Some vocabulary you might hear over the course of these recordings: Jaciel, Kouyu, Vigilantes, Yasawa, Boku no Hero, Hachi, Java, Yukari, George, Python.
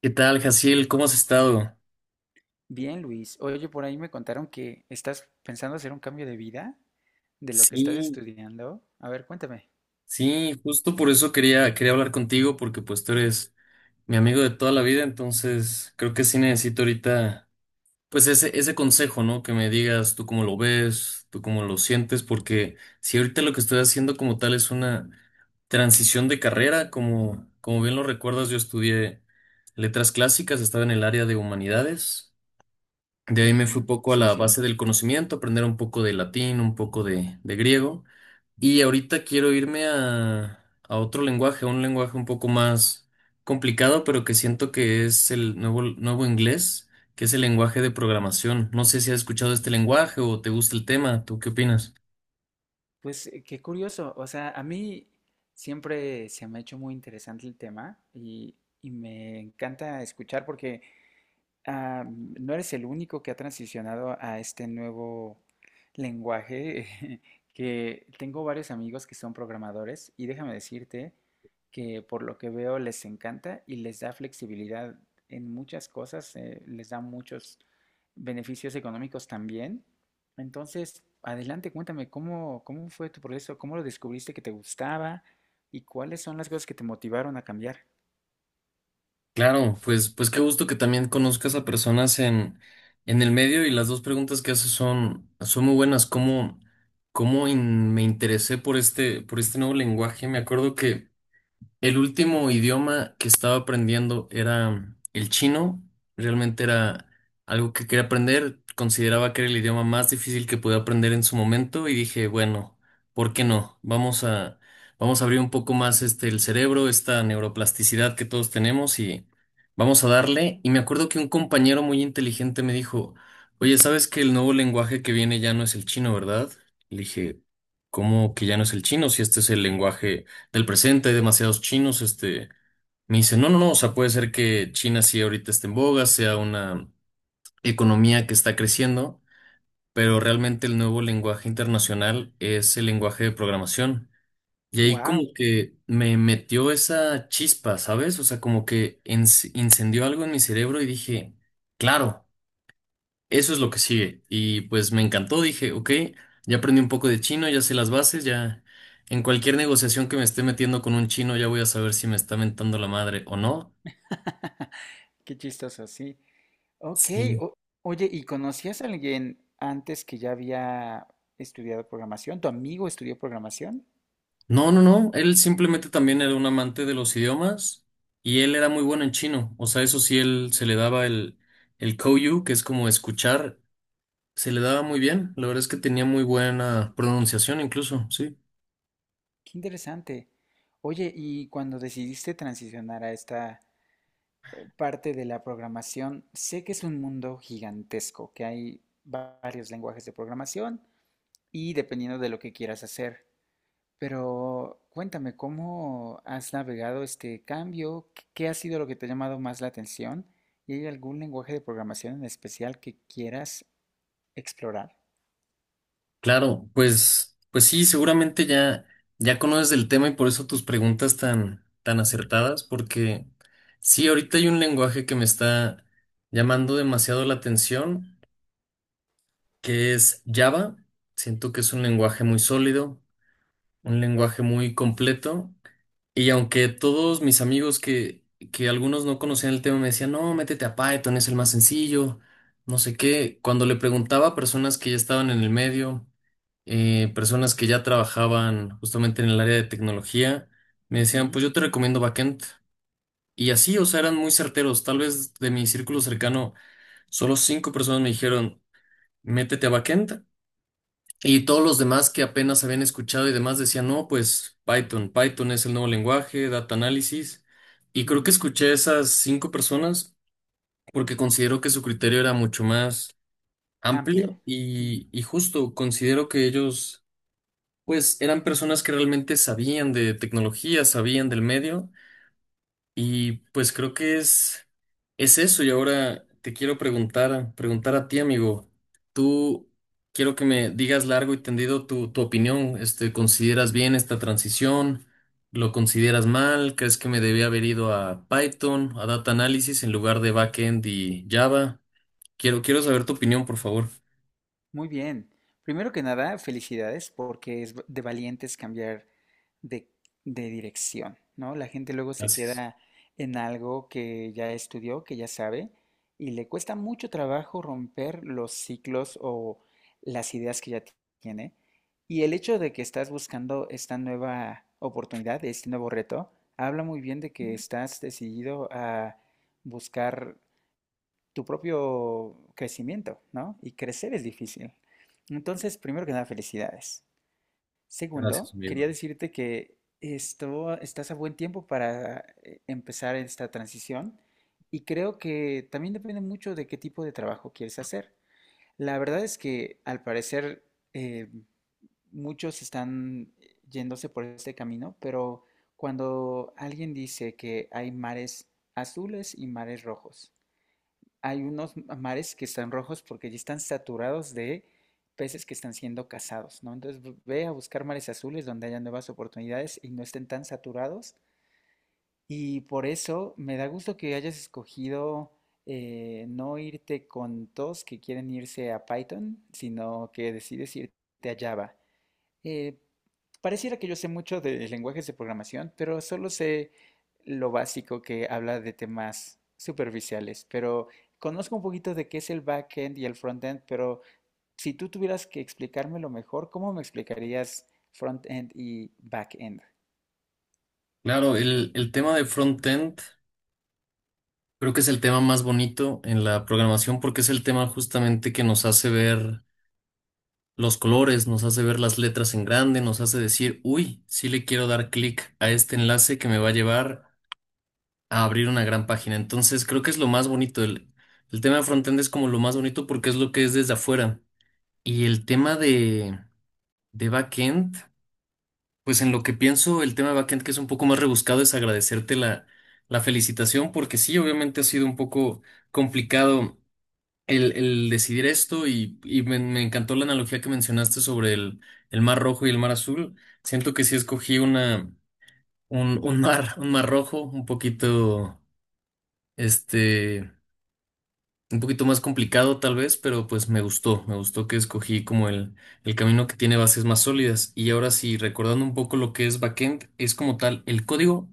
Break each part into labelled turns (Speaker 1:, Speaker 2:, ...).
Speaker 1: ¿Qué tal, Jaciel? ¿Cómo has estado?
Speaker 2: Bien, Luis. Oye, por ahí me contaron que estás pensando hacer un cambio de vida de lo que estás
Speaker 1: Sí,
Speaker 2: estudiando. A ver, cuéntame.
Speaker 1: sí, justo por eso quería hablar contigo, porque pues tú eres mi amigo de toda la vida, entonces creo que sí necesito ahorita, pues ese consejo, ¿no? Que me digas tú cómo lo ves, tú cómo lo sientes, porque si ahorita lo que estoy haciendo como tal es una transición de carrera, como bien lo recuerdas, yo estudié letras clásicas, estaba en el área de humanidades. De ahí me fui
Speaker 2: Ujú.
Speaker 1: poco a
Speaker 2: Sí,
Speaker 1: la
Speaker 2: sí.
Speaker 1: base del conocimiento, aprender un poco de latín, un poco de griego. Y ahorita quiero irme a otro lenguaje, a un lenguaje un poco más complicado, pero que siento que es el nuevo inglés, que es el lenguaje de programación. No sé si has escuchado este lenguaje o te gusta el tema. ¿Tú qué opinas?
Speaker 2: Pues qué curioso. O sea, a mí siempre se me ha hecho muy interesante el tema y me encanta escuchar porque ah, no eres el único que ha transicionado a este nuevo lenguaje, que tengo varios amigos que son programadores y déjame decirte que por lo que veo les encanta y les da flexibilidad en muchas cosas, les da muchos beneficios económicos también. Entonces, adelante, cuéntame, cómo fue tu proceso? ¿Cómo lo descubriste que te gustaba? ¿Y cuáles son las cosas que te motivaron a cambiar?
Speaker 1: Claro, pues, pues qué gusto que también conozcas a personas en el medio y las dos preguntas que haces son muy buenas. ¿Cómo me interesé por este nuevo lenguaje? Me acuerdo que el último idioma que estaba aprendiendo era el chino. Realmente era algo que quería aprender. Consideraba que era el idioma más difícil que podía aprender en su momento y dije, bueno, ¿por qué no? Vamos a abrir un poco más el cerebro, esta neuroplasticidad que todos tenemos y vamos a darle. Y me acuerdo que un compañero muy inteligente me dijo, oye, ¿sabes que el nuevo lenguaje que viene ya no es el chino, verdad? Le dije, ¿cómo que ya no es el chino si este es el lenguaje del presente? Hay demasiados chinos, me dice, no, no, no, o sea, puede ser que China sí ahorita esté en boga, sea una economía que está creciendo, pero realmente el nuevo lenguaje internacional es el lenguaje de programación. Y ahí
Speaker 2: ¡Wow!
Speaker 1: como que me metió esa chispa, ¿sabes? O sea, como que incendió algo en mi cerebro y dije, claro. Eso es lo que sigue. Y pues me encantó, dije, ok, ya aprendí un poco de chino, ya sé las bases, ya en cualquier negociación que me esté metiendo con un chino ya voy a saber si me está mentando la madre o no.
Speaker 2: Qué chistoso, sí. Ok,
Speaker 1: Sí.
Speaker 2: o- oye, ¿y conocías a alguien antes que ya había estudiado programación? ¿Tu amigo estudió programación?
Speaker 1: No, no, no, él simplemente también era un amante de los idiomas y él era muy bueno en chino. O sea, eso sí, él se le daba el Kouyu, que es como escuchar, se le daba muy bien. La verdad es que tenía muy buena pronunciación incluso, sí.
Speaker 2: Qué interesante. Oye, y cuando decidiste transicionar a esta parte de la programación, sé que es un mundo gigantesco, que hay varios lenguajes de programación y dependiendo de lo que quieras hacer. Pero cuéntame, ¿cómo has navegado este cambio? Qué ha sido lo que te ha llamado más la atención? ¿Y hay algún lenguaje de programación en especial que quieras explorar?
Speaker 1: Claro, pues, pues sí, seguramente ya conoces el tema y por eso tus preguntas tan acertadas, porque sí, ahorita hay un lenguaje que me está llamando demasiado la atención, que es Java. Siento que es un lenguaje muy sólido, un lenguaje muy completo y aunque todos mis amigos que algunos no conocían el tema me decían, no, métete a Python, es el más sencillo, no sé qué, cuando le preguntaba a personas que ya estaban en el medio, personas que ya trabajaban justamente en el área de tecnología, me decían,
Speaker 2: Ujú,
Speaker 1: pues yo te recomiendo backend. Y así, o sea, eran muy certeros. Tal vez de mi círculo cercano, solo cinco personas me dijeron, métete a backend. Y todos los demás que apenas habían escuchado y demás decían, no, pues Python, Python es el nuevo lenguaje, data análisis. Y creo que
Speaker 2: ujú.
Speaker 1: escuché a esas cinco personas porque considero que su criterio era mucho más
Speaker 2: Amplio.
Speaker 1: amplio y justo considero que ellos, pues, eran personas que realmente sabían de tecnología, sabían del medio y pues creo que es eso. Y ahora te quiero preguntar a ti, amigo. Tú quiero que me digas largo y tendido tu opinión. ¿Consideras bien esta transición? ¿Lo consideras mal? ¿Crees que me debía haber ido a Python, a Data Analysis en lugar de Backend y Java? Quiero saber tu opinión, por favor.
Speaker 2: Muy bien. Primero que nada, felicidades porque es de valientes cambiar de, de dirección, ¿no? La gente luego se
Speaker 1: Gracias.
Speaker 2: queda en algo que ya estudió, que ya sabe, y le cuesta mucho trabajo romper los ciclos o las ideas que ya tiene. Y el hecho de que estás buscando esta nueva oportunidad, este nuevo reto, habla muy bien de que estás decidido a buscar tu propio crecimiento, ¿no? Y crecer es difícil. Entonces, primero que nada, felicidades.
Speaker 1: Gracias,
Speaker 2: Segundo,
Speaker 1: amigo.
Speaker 2: quería decirte que estás a buen tiempo para empezar esta transición y creo que también depende mucho de qué tipo de trabajo quieres hacer. La verdad es que al parecer eh, muchos están yéndose por este camino, pero cuando alguien dice que hay mares azules y mares rojos, hay unos mares que están rojos porque ya están saturados de peces que están siendo cazados, ¿no? Entonces ve a buscar mares azules donde haya nuevas oportunidades y no estén tan saturados. Y por eso me da gusto que hayas escogido no irte con todos que quieren irse a Python, sino que decides irte a Java. Eh, Pareciera que yo sé mucho de lenguajes de programación, pero solo sé lo básico que habla de temas superficiales. Pero conozco un poquito de qué es el backend y el frontend, pero si tú tuvieras que explicármelo mejor, ¿cómo me explicarías frontend y backend?
Speaker 1: Claro, el tema de frontend. Creo que es el tema más bonito en la programación porque es el tema justamente que nos hace ver los colores, nos hace ver las letras en grande, nos hace decir, uy, sí le quiero dar clic a este enlace que me va a llevar a abrir una gran página. Entonces creo que es lo más bonito. El tema de frontend es como lo más bonito porque es lo que es desde afuera. Y el tema de backend, pues en lo que pienso, el tema de backend que es un poco más rebuscado es agradecerte la felicitación porque sí, obviamente ha sido un poco complicado el decidir esto y me encantó la analogía que mencionaste sobre el mar rojo y el mar azul. Siento que sí escogí un mar rojo, este, un poquito más complicado tal vez, pero pues me gustó que escogí como el camino que tiene bases más sólidas. Y ahora sí, recordando un poco lo que es backend, es como tal el código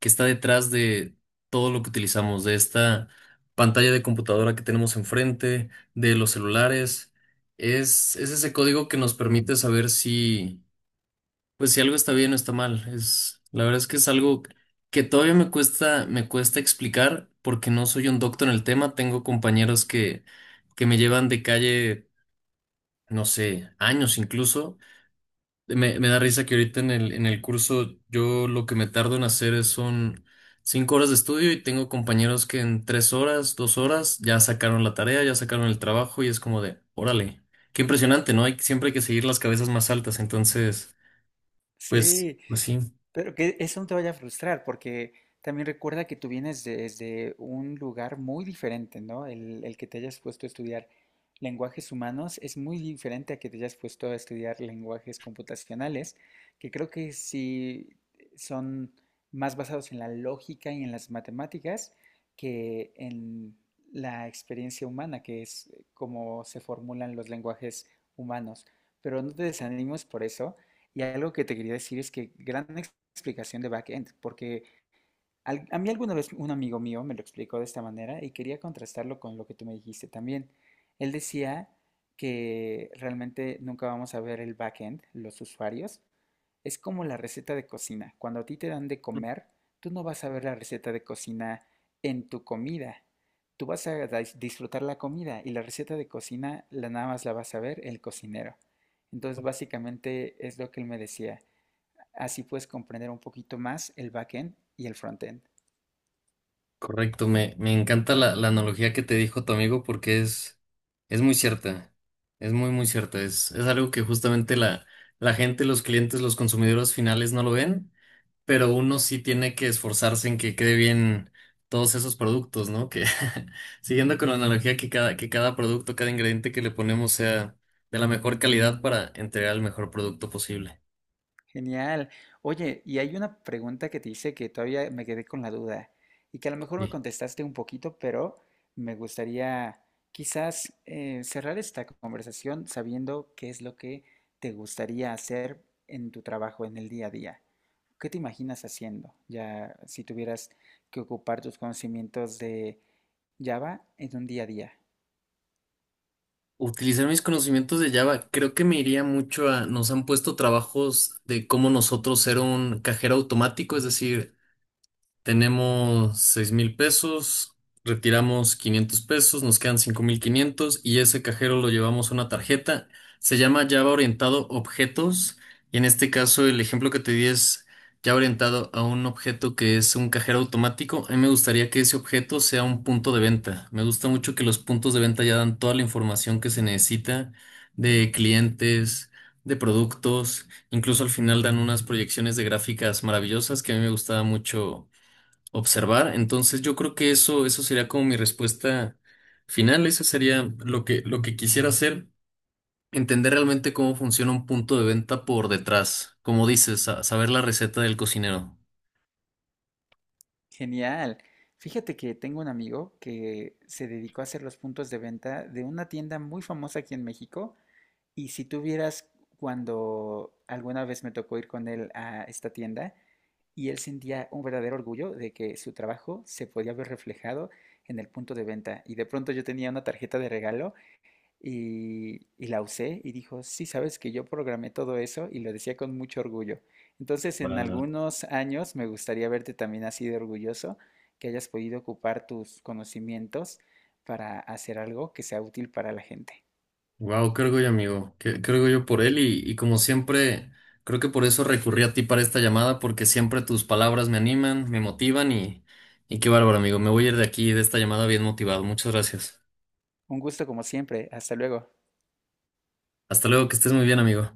Speaker 1: que está detrás de todo lo que utilizamos, de esta pantalla de computadora que tenemos enfrente, de los celulares. Es ese código que nos permite saber si pues si algo está bien o está mal, es la verdad es que es algo que todavía me cuesta explicar porque no soy un doctor en el tema, tengo compañeros que me llevan de calle, no sé, años incluso. Me da risa que ahorita en el curso yo lo que me tardo en hacer es son 5 horas de estudio y tengo compañeros que en 3 horas, 2 horas ya sacaron la tarea, ya sacaron el trabajo y es como de, órale, qué impresionante, ¿no? Hay siempre hay que seguir las cabezas más altas, entonces, pues
Speaker 2: Sí.
Speaker 1: pues sí.
Speaker 2: Pero que eso no te vaya a frustrar, porque también recuerda que tú vienes desde un lugar muy diferente, ¿no? El que te hayas puesto a estudiar lenguajes humanos es muy diferente a que te hayas puesto a estudiar lenguajes computacionales, que creo que sí son más basados en la lógica y en las matemáticas que en la experiencia humana, que es como se formulan los lenguajes humanos. Pero no te desanimes por eso. Y algo que te quería decir es que gran explicación de backend, porque a mí alguna vez un amigo mío me lo explicó de esta manera y quería contrastarlo con lo que tú me dijiste también. Él decía que realmente nunca vamos a ver el backend, los usuarios. Es como la receta de cocina. Cuando a ti te dan de comer, tú no vas a ver la receta de cocina en tu comida. Tú vas a disfrutar la comida y la receta de cocina la nada más la vas a ver el cocinero. Entonces, básicamente es lo que él me decía. Así puedes comprender un poquito más el backend y el frontend.
Speaker 1: Correcto, me encanta la analogía que te dijo tu amigo porque es muy cierta, es muy, muy cierta, es algo que justamente la gente, los clientes, los consumidores finales no lo ven, pero uno sí tiene que esforzarse en que quede bien todos esos productos, ¿no? Que siguiendo con la analogía que cada producto, cada ingrediente que le ponemos sea de la mejor calidad para entregar el mejor producto posible.
Speaker 2: Genial. Oye, y hay una pregunta que te hice que todavía me quedé con la duda y que a lo mejor me contestaste un poquito, pero me gustaría quizás cerrar esta conversación sabiendo qué es lo que te gustaría hacer en tu trabajo, en el día a día. ¿Qué te imaginas haciendo? Ya si tuvieras que ocupar tus conocimientos de Java en un día a día.
Speaker 1: Utilizar mis conocimientos de Java, creo que me iría mucho nos han puesto trabajos de cómo nosotros ser un cajero automático, es decir, tenemos 6,000 pesos, retiramos 500 pesos, nos quedan 5,500 y ese cajero lo llevamos a una tarjeta. Se llama Java orientado objetos y en este caso el ejemplo que te di es Java orientado a un objeto que es un cajero automático. A mí me gustaría que ese objeto sea un punto de venta. Me gusta mucho que los puntos de venta ya dan toda la información que se necesita de clientes, de productos, incluso al final dan unas proyecciones de gráficas maravillosas que a mí me gustaba mucho observar. Entonces yo creo que eso sería como mi respuesta final. Eso sería lo que quisiera hacer, entender realmente cómo funciona un punto de venta por detrás. Como dices, saber la receta del cocinero.
Speaker 2: Genial. Fíjate que tengo un amigo que se dedicó a hacer los puntos de venta de una tienda muy famosa aquí en México. Y si tú vieras, cuando alguna vez me tocó ir con él a esta tienda, y él sentía un verdadero orgullo de que su trabajo se podía ver reflejado en el punto de venta. Y de pronto yo tenía una tarjeta de regalo y la usé y dijo, sí, sabes que yo programé todo eso, y lo decía con mucho orgullo. Entonces, en
Speaker 1: Wow,
Speaker 2: algunos años me gustaría verte también así de orgulloso, que hayas podido ocupar tus conocimientos para hacer algo que sea útil para la gente.
Speaker 1: qué orgullo, amigo. Qué orgullo por él y como siempre, creo que por eso recurrí a ti para esta llamada, porque siempre tus palabras me animan, me motivan y qué bárbaro, amigo. Me voy a ir de aquí, de esta llamada bien motivado. Muchas gracias.
Speaker 2: Un gusto como siempre, hasta luego.
Speaker 1: Hasta luego, que estés muy bien, amigo.